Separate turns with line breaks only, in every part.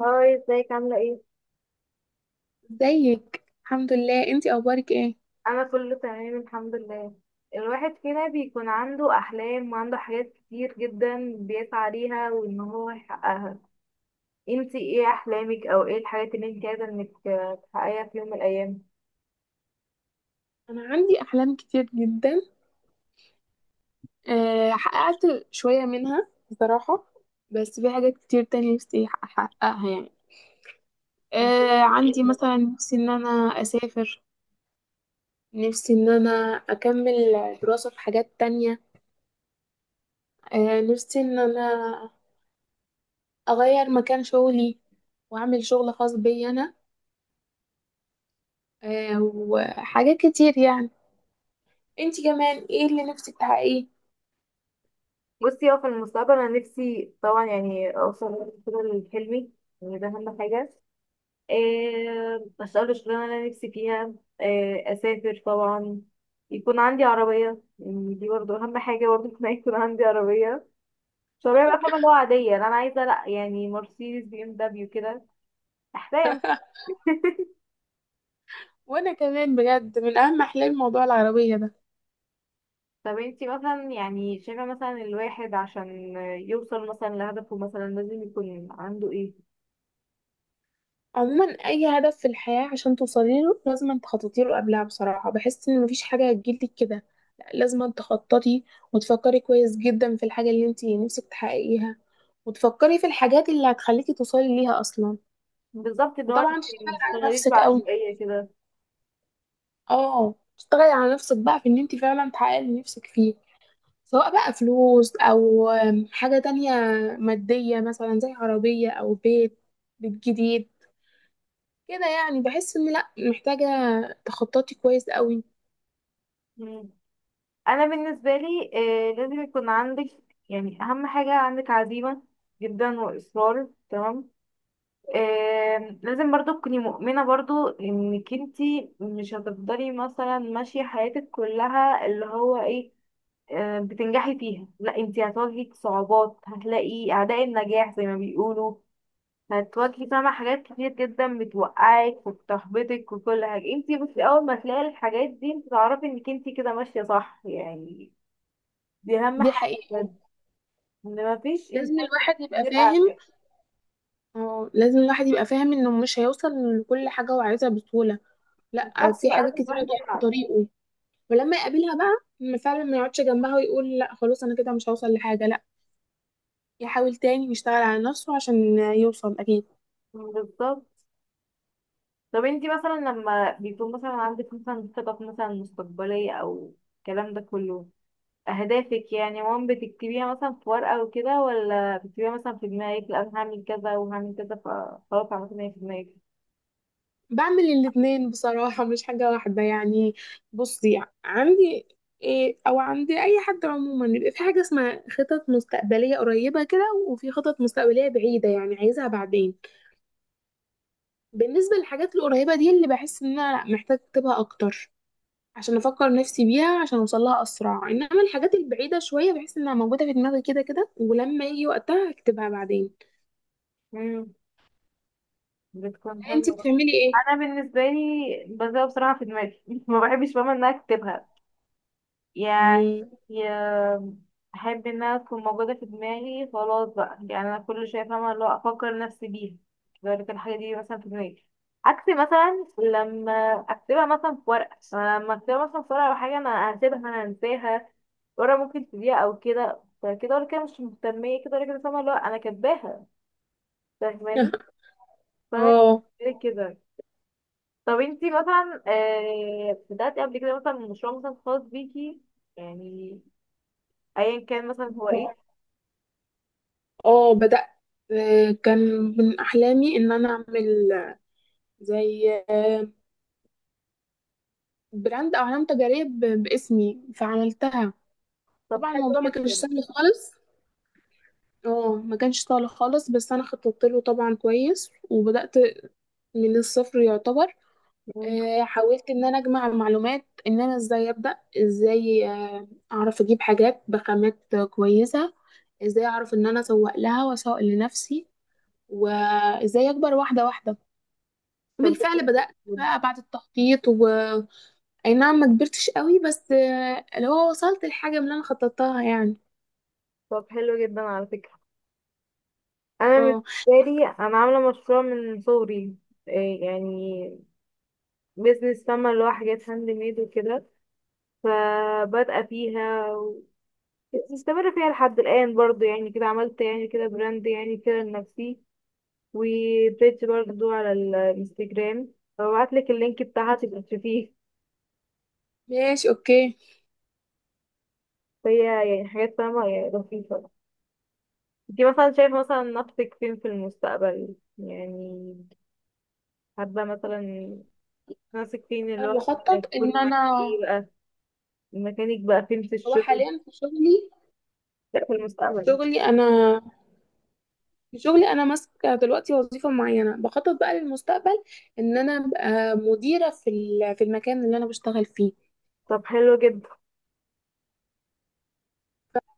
هاي، ازيك؟ عاملة ايه؟
ازيك؟ الحمد لله، انتي اخبارك ايه؟
أنا كله تمام الحمد لله. الواحد فينا بيكون عنده أحلام وعنده حاجات كتير جدا بيسعى ليها وإن هو يحققها. انتي ايه أحلامك، أو ايه الحاجات اللي انتي عايزة انك تحققيها في يوم من الأيام؟
انا عندي احلام كتير جدا، حققت شويه منها بصراحه. بس في حاجات كتير تانية نفسي احققها يعني. عندي مثلا نفسي ان انا اسافر. نفسي ان انا اكمل دراسه في حاجات تانية. نفسي ان انا اغير مكان شغلي واعمل شغل خاص بي انا. وحاجات كتير يعني. انتي كمان ايه اللي نفسك تحققيه؟
بصي، اه، في المستقبل أنا نفسي طبعا يعني أوصل كده لحلمي، يعني ده أهم حاجة. إيه، أشتغل الشغلانة اللي أنا نفسي فيها. إيه، أسافر طبعا. يكون عندي عربية، يعني دي برضه أهم حاجة، برضه إن أنا يكون عندي عربية شبابية بقى، فاهمة اللي هو عادية؟ لا، أنا عايزة لأ، يعني مرسيدس، بي ام دبليو، كده أحلام.
وانا كمان بجد من اهم احلامي موضوع العربيه ده.
طب انتي مثلا يعني شايفة مثلا الواحد عشان يوصل مثلا لهدفه مثلا لازم يكون عنده ايه؟
عموما اي هدف في الحياه عشان توصلي له لازم تخططي له قبلها. بصراحه بحس ان مفيش حاجه هتجيلك كده، لا، لازم تخططي وتفكري كويس جدا في الحاجه اللي انت نفسك تحققيها. وتفكري في الحاجات اللي هتخليكي توصلي ليها اصلا.
بالظبط، ان هو
وطبعا
انتي
تشتغلي على
متشتغليش
نفسك قوي.
بعشوائية كده.
اه، تشتغلي على نفسك بقى في ان انت فعلا تحققي اللي نفسك فيه، سواء بقى فلوس او حاجه تانية ماديه مثلا، زي عربيه او بيت جديد كده يعني. بحس ان لا، محتاجة تخططي كويس قوي.
مم. أنا بالنسبة لي، آه، لازم يكون عندك، يعني أهم حاجة عندك عزيمة جدا وإصرار، تمام. آه، لازم برضو تكوني مؤمنة برضو انك انتي مش هتفضلي مثلا ماشية حياتك كلها اللي هو ايه، بتنجحي فيها. لا، انتي هتواجهي صعوبات، هتلاقي اعداء النجاح زي ما بيقولوا. هتواجهي، فاهمة، حاجات كتير جدا بتوقعك وبتحبطك وكل حاجة. انتي بس اول ما تلاقي الحاجات دي انتي تعرفي انك انتي كده ماشية صح يعني. دي اهم
دي
حاجة
حقيقة.
بجد، ان مفيش
لازم
انسان
الواحد يبقى
غير
فاهم
اعداء.
اه لازم الواحد يبقى فاهم انه مش هيوصل لكل حاجة هو عايزها بسهولة. لا،
بالظبط،
في
لا
حاجات
لازم
كتيرة
الواحد
هتقف في
يلعب.
طريقه. ولما يقابلها بقى ما يقعدش جنبها ويقول لا خلاص انا كده مش هوصل لحاجة، لا. يحاول تاني ويشتغل على نفسه عشان يوصل اكيد.
بالظبط. طب انتي مثلا لما بيكون مثلا عندك مثلا خطط مثلا مستقبلية او الكلام ده كله، اهدافك يعني، بتكتبيها مثلا في ورقة وكده، ولا بتكتبيها مثلا في دماغك، لا أنا هعمل كذا وهعمل كذا فخلاص عملت إن هي في دماغك؟
بعمل الاتنين بصراحة، مش حاجة واحدة يعني. بصي، عندي إيه أو عندي أي حد عموما بيبقى في حاجة اسمها خطط مستقبلية قريبة كده، وفي خطط مستقبلية بعيدة يعني عايزها بعدين. بالنسبة للحاجات القريبة دي، اللي بحس إن أنا، لأ، محتاجة أكتبها أكتر عشان أفكر نفسي بيها عشان أوصلها أسرع. إنما الحاجات البعيدة شوية بحس إنها موجودة في دماغي كده كده، ولما يجي وقتها هكتبها بعدين.
امم بتكون
أنتي
حلوة.
بتعملي إيه؟
انا بالنسبة لي بزرع بصراحة في دماغي ما بحبش ماما انها اكتبها يعني.
مم.
يا- احب انها تكون موجوده في دماغي، خلاص بقى، يعني انا كل شويه فاهمه اللي هو افكر نفسي بيها، لذلك الحاجه دي مثلا في دماغي. عكس مثلا لما اكتبها مثلا في ورقه، أنا لما اكتبها مثلا في ورقه او حاجه انا هسيبها، انا هنساها. ورقه ممكن تضيع او كده، فكده ولا كده مش مهتميه، كده ولا كده فاهمه اللي هو انا كاتباها، فاهماني؟ فانا
اه.
كده كده. طب انتي مثلا بدأتي قبل كده مثلا مشروع مثلا خاص بيكي يعني، ايا كان مثلا هو ايه؟
اه، بدأت. كان من أحلامي إن أنا أعمل زي، براند أو علامة تجارية باسمي، فعملتها.
طب
طبعا
حلو
الموضوع ما كانش
جدا.
سهل خالص. اه، ما كانش سهل خالص بس أنا خططت له طبعا كويس، وبدأت من الصفر يعتبر.
مم.
حاولت إن أنا أجمع معلومات، إن أنا إزاي أبدأ، إزاي أعرف أجيب حاجات بخامات كويسة، إزاي أعرف إن أنا أسوق لها وأسوق لنفسي، وإزاي أكبر واحدة واحدة.
طب ده حلو
بالفعل بدأت
جداً.
بقى بعد التخطيط. أي نعم، ما كبرتش قوي بس اللي هو وصلت الحاجة اللي أنا خططتها يعني.
طب حلو جدا على فكرة. أنا
اه،
بالنسبة لي أنا عاملة مشروع من صغري، إيه يعني بيزنس، فاهمة اللي هو حاجات هاند ميد وكده. فبادئة فيها ومستمرة فيها لحد الآن برضو، يعني كده عملت يعني كده براند يعني كده لنفسي، وبيج برضو على الانستجرام، فببعتلك اللينك بتاعها تبقى تشوفيه.
ماشي، اوكي.
فهي يعني حاجات، فاهمة، يعني لطيفة. انتي مثلا شايفة مثلا نفسك فين في المستقبل، يعني حابة مثلا ماسك فين اللي
أنا
هو
بخطط
هيكون
إن
معاك
أنا.
ايه بقى، الميكانيك بقى فين في
هو
الشغل؟
حاليا في شغلي.
لا، في المستقبل.
شغلي أنا. في شغلي أنا ماسكة دلوقتي وظيفة معينة، بخطط بقى للمستقبل إن أنا أبقى مديرة في المكان اللي أنا بشتغل فيه.
طب حلو جدا.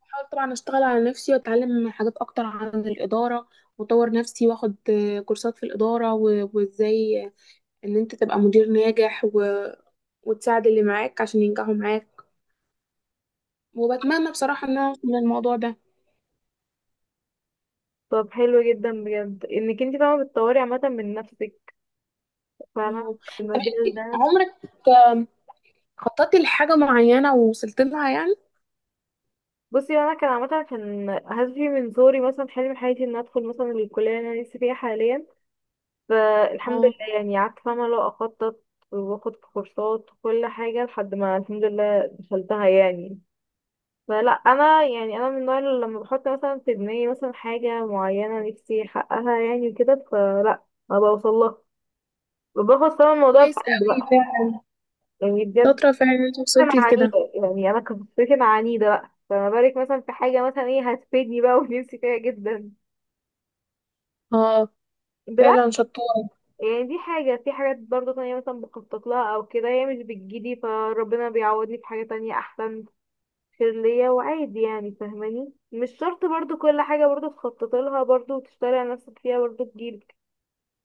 بحاول طبعا أشتغل على نفسي وأتعلم حاجات أكتر عن الإدارة، وأطور نفسي وأخد كورسات في الإدارة وإزاي ان انت تبقى مدير ناجح وتساعد اللي معاك عشان ينجحوا معاك. وبتمنى بصراحة ان انا اوصل للموضوع ده.
طب حلو جدا بجد، انك انت فاهمة بتطوري عامة من نفسك، فاهمة،
آه.
في
طب،
المجال
انت
ده.
عمرك آم، خططتي لحاجة معينة ووصلت لها يعني؟
بصي انا كان عامة كان هدفي من صغري مثلا، حلم حياتي ان ادخل مثلا الكلية اللي انا لسه فيها حاليا، فالحمد
اه،
لله يعني قعدت فاهمة لو اخطط واخد كورسات وكل حاجة لحد ما الحمد لله دخلتها يعني. فلا انا يعني انا من النوع اللي لما بحط مثلا في دماغي مثلا حاجه معينه نفسي احققها يعني وكده، فلا ما بوصلها، باخد فعلا الموضوع
كويس
بحب
قوي
بقى،
فعلا.
يعني بجد.
شاطرة فعلا، انت
انا
وصلتي لكده.
عنيده، يعني انا كنت انا عنيده بقى، فما بالك مثلا في حاجه مثلا ايه هتفيدني بقى ونفسي فيها جدا،
اه،
بالعكس.
فعلا شطورة.
يعني دي حاجه. في حاجات برضه تانية مثلا بخطط لها او كده هي مش بتجيلي، فربنا بيعوضني في حاجه تانية احسن، خير ليا وعادي يعني. فاهماني، مش شرط برضو كل حاجة برضو تخطط لها برضو وتشتغلي على نفسك فيها برضو تجيلك،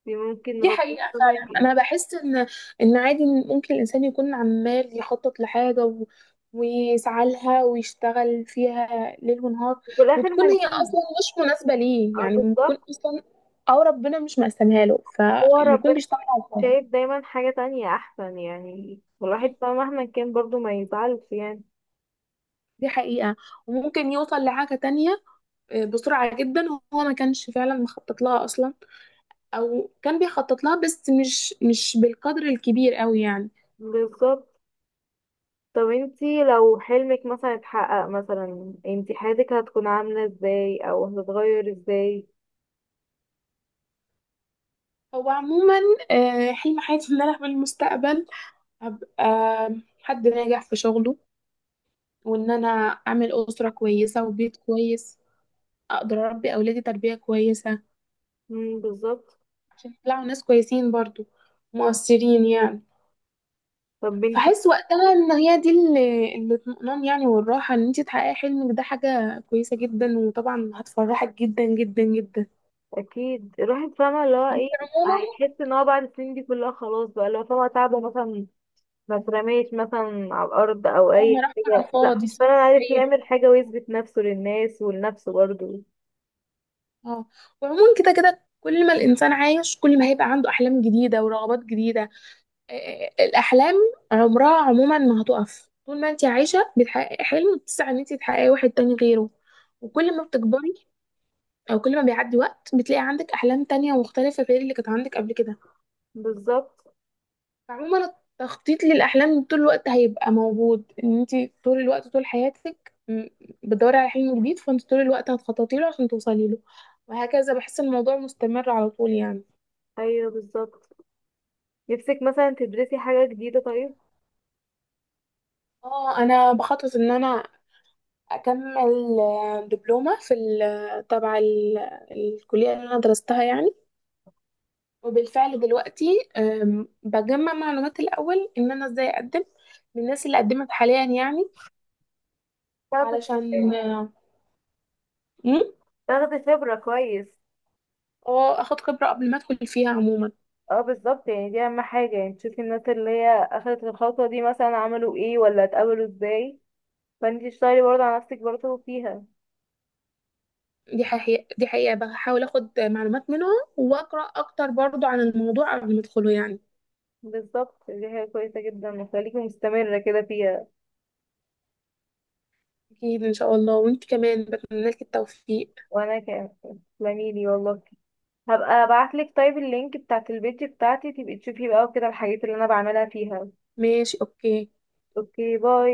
دي ممكن
دي
ربنا
حقيقة فعلا.
يكرمك.
أنا بحس إن عادي إن ممكن الإنسان يكون عمال يخطط لحاجة، ويسعى لها ويشتغل فيها ليل ونهار،
وفي الآخر
وتكون
ما
هي
نجيش.
أصلا مش مناسبة ليه
اه
يعني، بتكون
بالظبط.
أصلا، أو ربنا مش مقسمها له،
هو
فيكون
ربنا
بيشتغل على الفاضي.
شايف دايما حاجة تانية أحسن، يعني والواحد بقى مهما كان برضو ما يزعلش يعني.
دي حقيقة. وممكن يوصل لحاجة تانية بسرعة جدا، هو ما كانش فعلا مخطط لها أصلا، أو كان بيخطط لها بس مش بالقدر الكبير أوي يعني.
بالظبط. طب انتي لو حلمك مثلا اتحقق مثلا، انتي حياتك هتكون عاملة ازاي، أو هتتغير ازاي؟
هو عموما، حلم حياتي ان انا في المستقبل ابقى حد ناجح في شغله، وان انا اعمل اسره كويسه وبيت كويس، اقدر اربي اولادي تربيه كويسه
مم، بالظبط.
عشان يطلعوا ناس كويسين برضو، مؤثرين يعني.
طب انتي،
فحس وقتها ان هي دي اللي الاطمئنان يعني، والراحه. ان انت تحققي حلمك ده حاجه كويسه جدا، وطبعا هتفرحك جدا جدا جدا.
اكيد الواحد فاهمه اللي هو ايه،
عموما،
هيحس ان هو بعد السنين دي كلها خلاص بقى اللي هو فاهمه تعبه مثلا ما اترميش مثلا على الارض او
انا
اي
رحت على
حاجه، لا
الفاضي
فعلا عارف
صحيح.
يعمل حاجه ويثبت نفسه للناس ولنفسه برضه.
اه، وعموما كده كده، كل ما الانسان عايش كل ما هيبقى عنده احلام جديده ورغبات جديده. آه، الاحلام عمرها عموما ما هتقف. طول ما انت عايشه بتحققي حلم، بتسعي ان انت تحققي واحد تاني غيره. وكل ما بتكبري، او كل ما بيعدي وقت، بتلاقي عندك احلام تانية مختلفه غير اللي كانت عندك قبل كده.
بالظبط.
فعموما، التخطيط للاحلام طول الوقت هيبقى موجود، ان انت طول الوقت طول حياتك، بتدوري على حلم جديد، فانت طول الوقت هتخططي له عشان توصلي له، وهكذا. بحس الموضوع مستمر على طول يعني.
ايوه، بالظبط. نفسك مثلا تدرسي حاجه جديده، طيب
اه، انا بخطط ان انا اكمل دبلومه في ال- آه، تبع ال- الكليه اللي انا درستها يعني. وبالفعل دلوقتي بجمع معلومات الاول ان انا ازاي اقدم من الناس اللي قدمت حاليا يعني.
تاخدي خبرة.
علشان مم،
تاخدي خبره كويس.
اه اخد خبره قبل ما ادخل فيها عموما.
اه، بالظبط، يعني دي اهم حاجه، يعني تشوفي الناس اللي هي اخدت الخطوه دي مثلا عملوا ايه، ولا اتقابلوا ازاي، فانتي تشتغلي برضه على نفسك برضه فيها.
دي حقيقه، دي حقيقه، بحاول اخد معلومات منهم، واقرا اكتر برضو عن الموضوع قبل ما ادخله يعني.
بالظبط، دي حاجة كويسة جدا، وخليكي مستمرة كده فيها.
اكيد ان شاء الله. وانت كمان بتمنى لك التوفيق.
وانا كمان، تسلمي لي والله. هبقى ابعتلك طيب اللينك بتاعت البيج بتاعتي تبقي تشوفي بقى وكده الحاجات اللي انا بعملها فيها.
ماشي، اوكي.
اوكي، باي.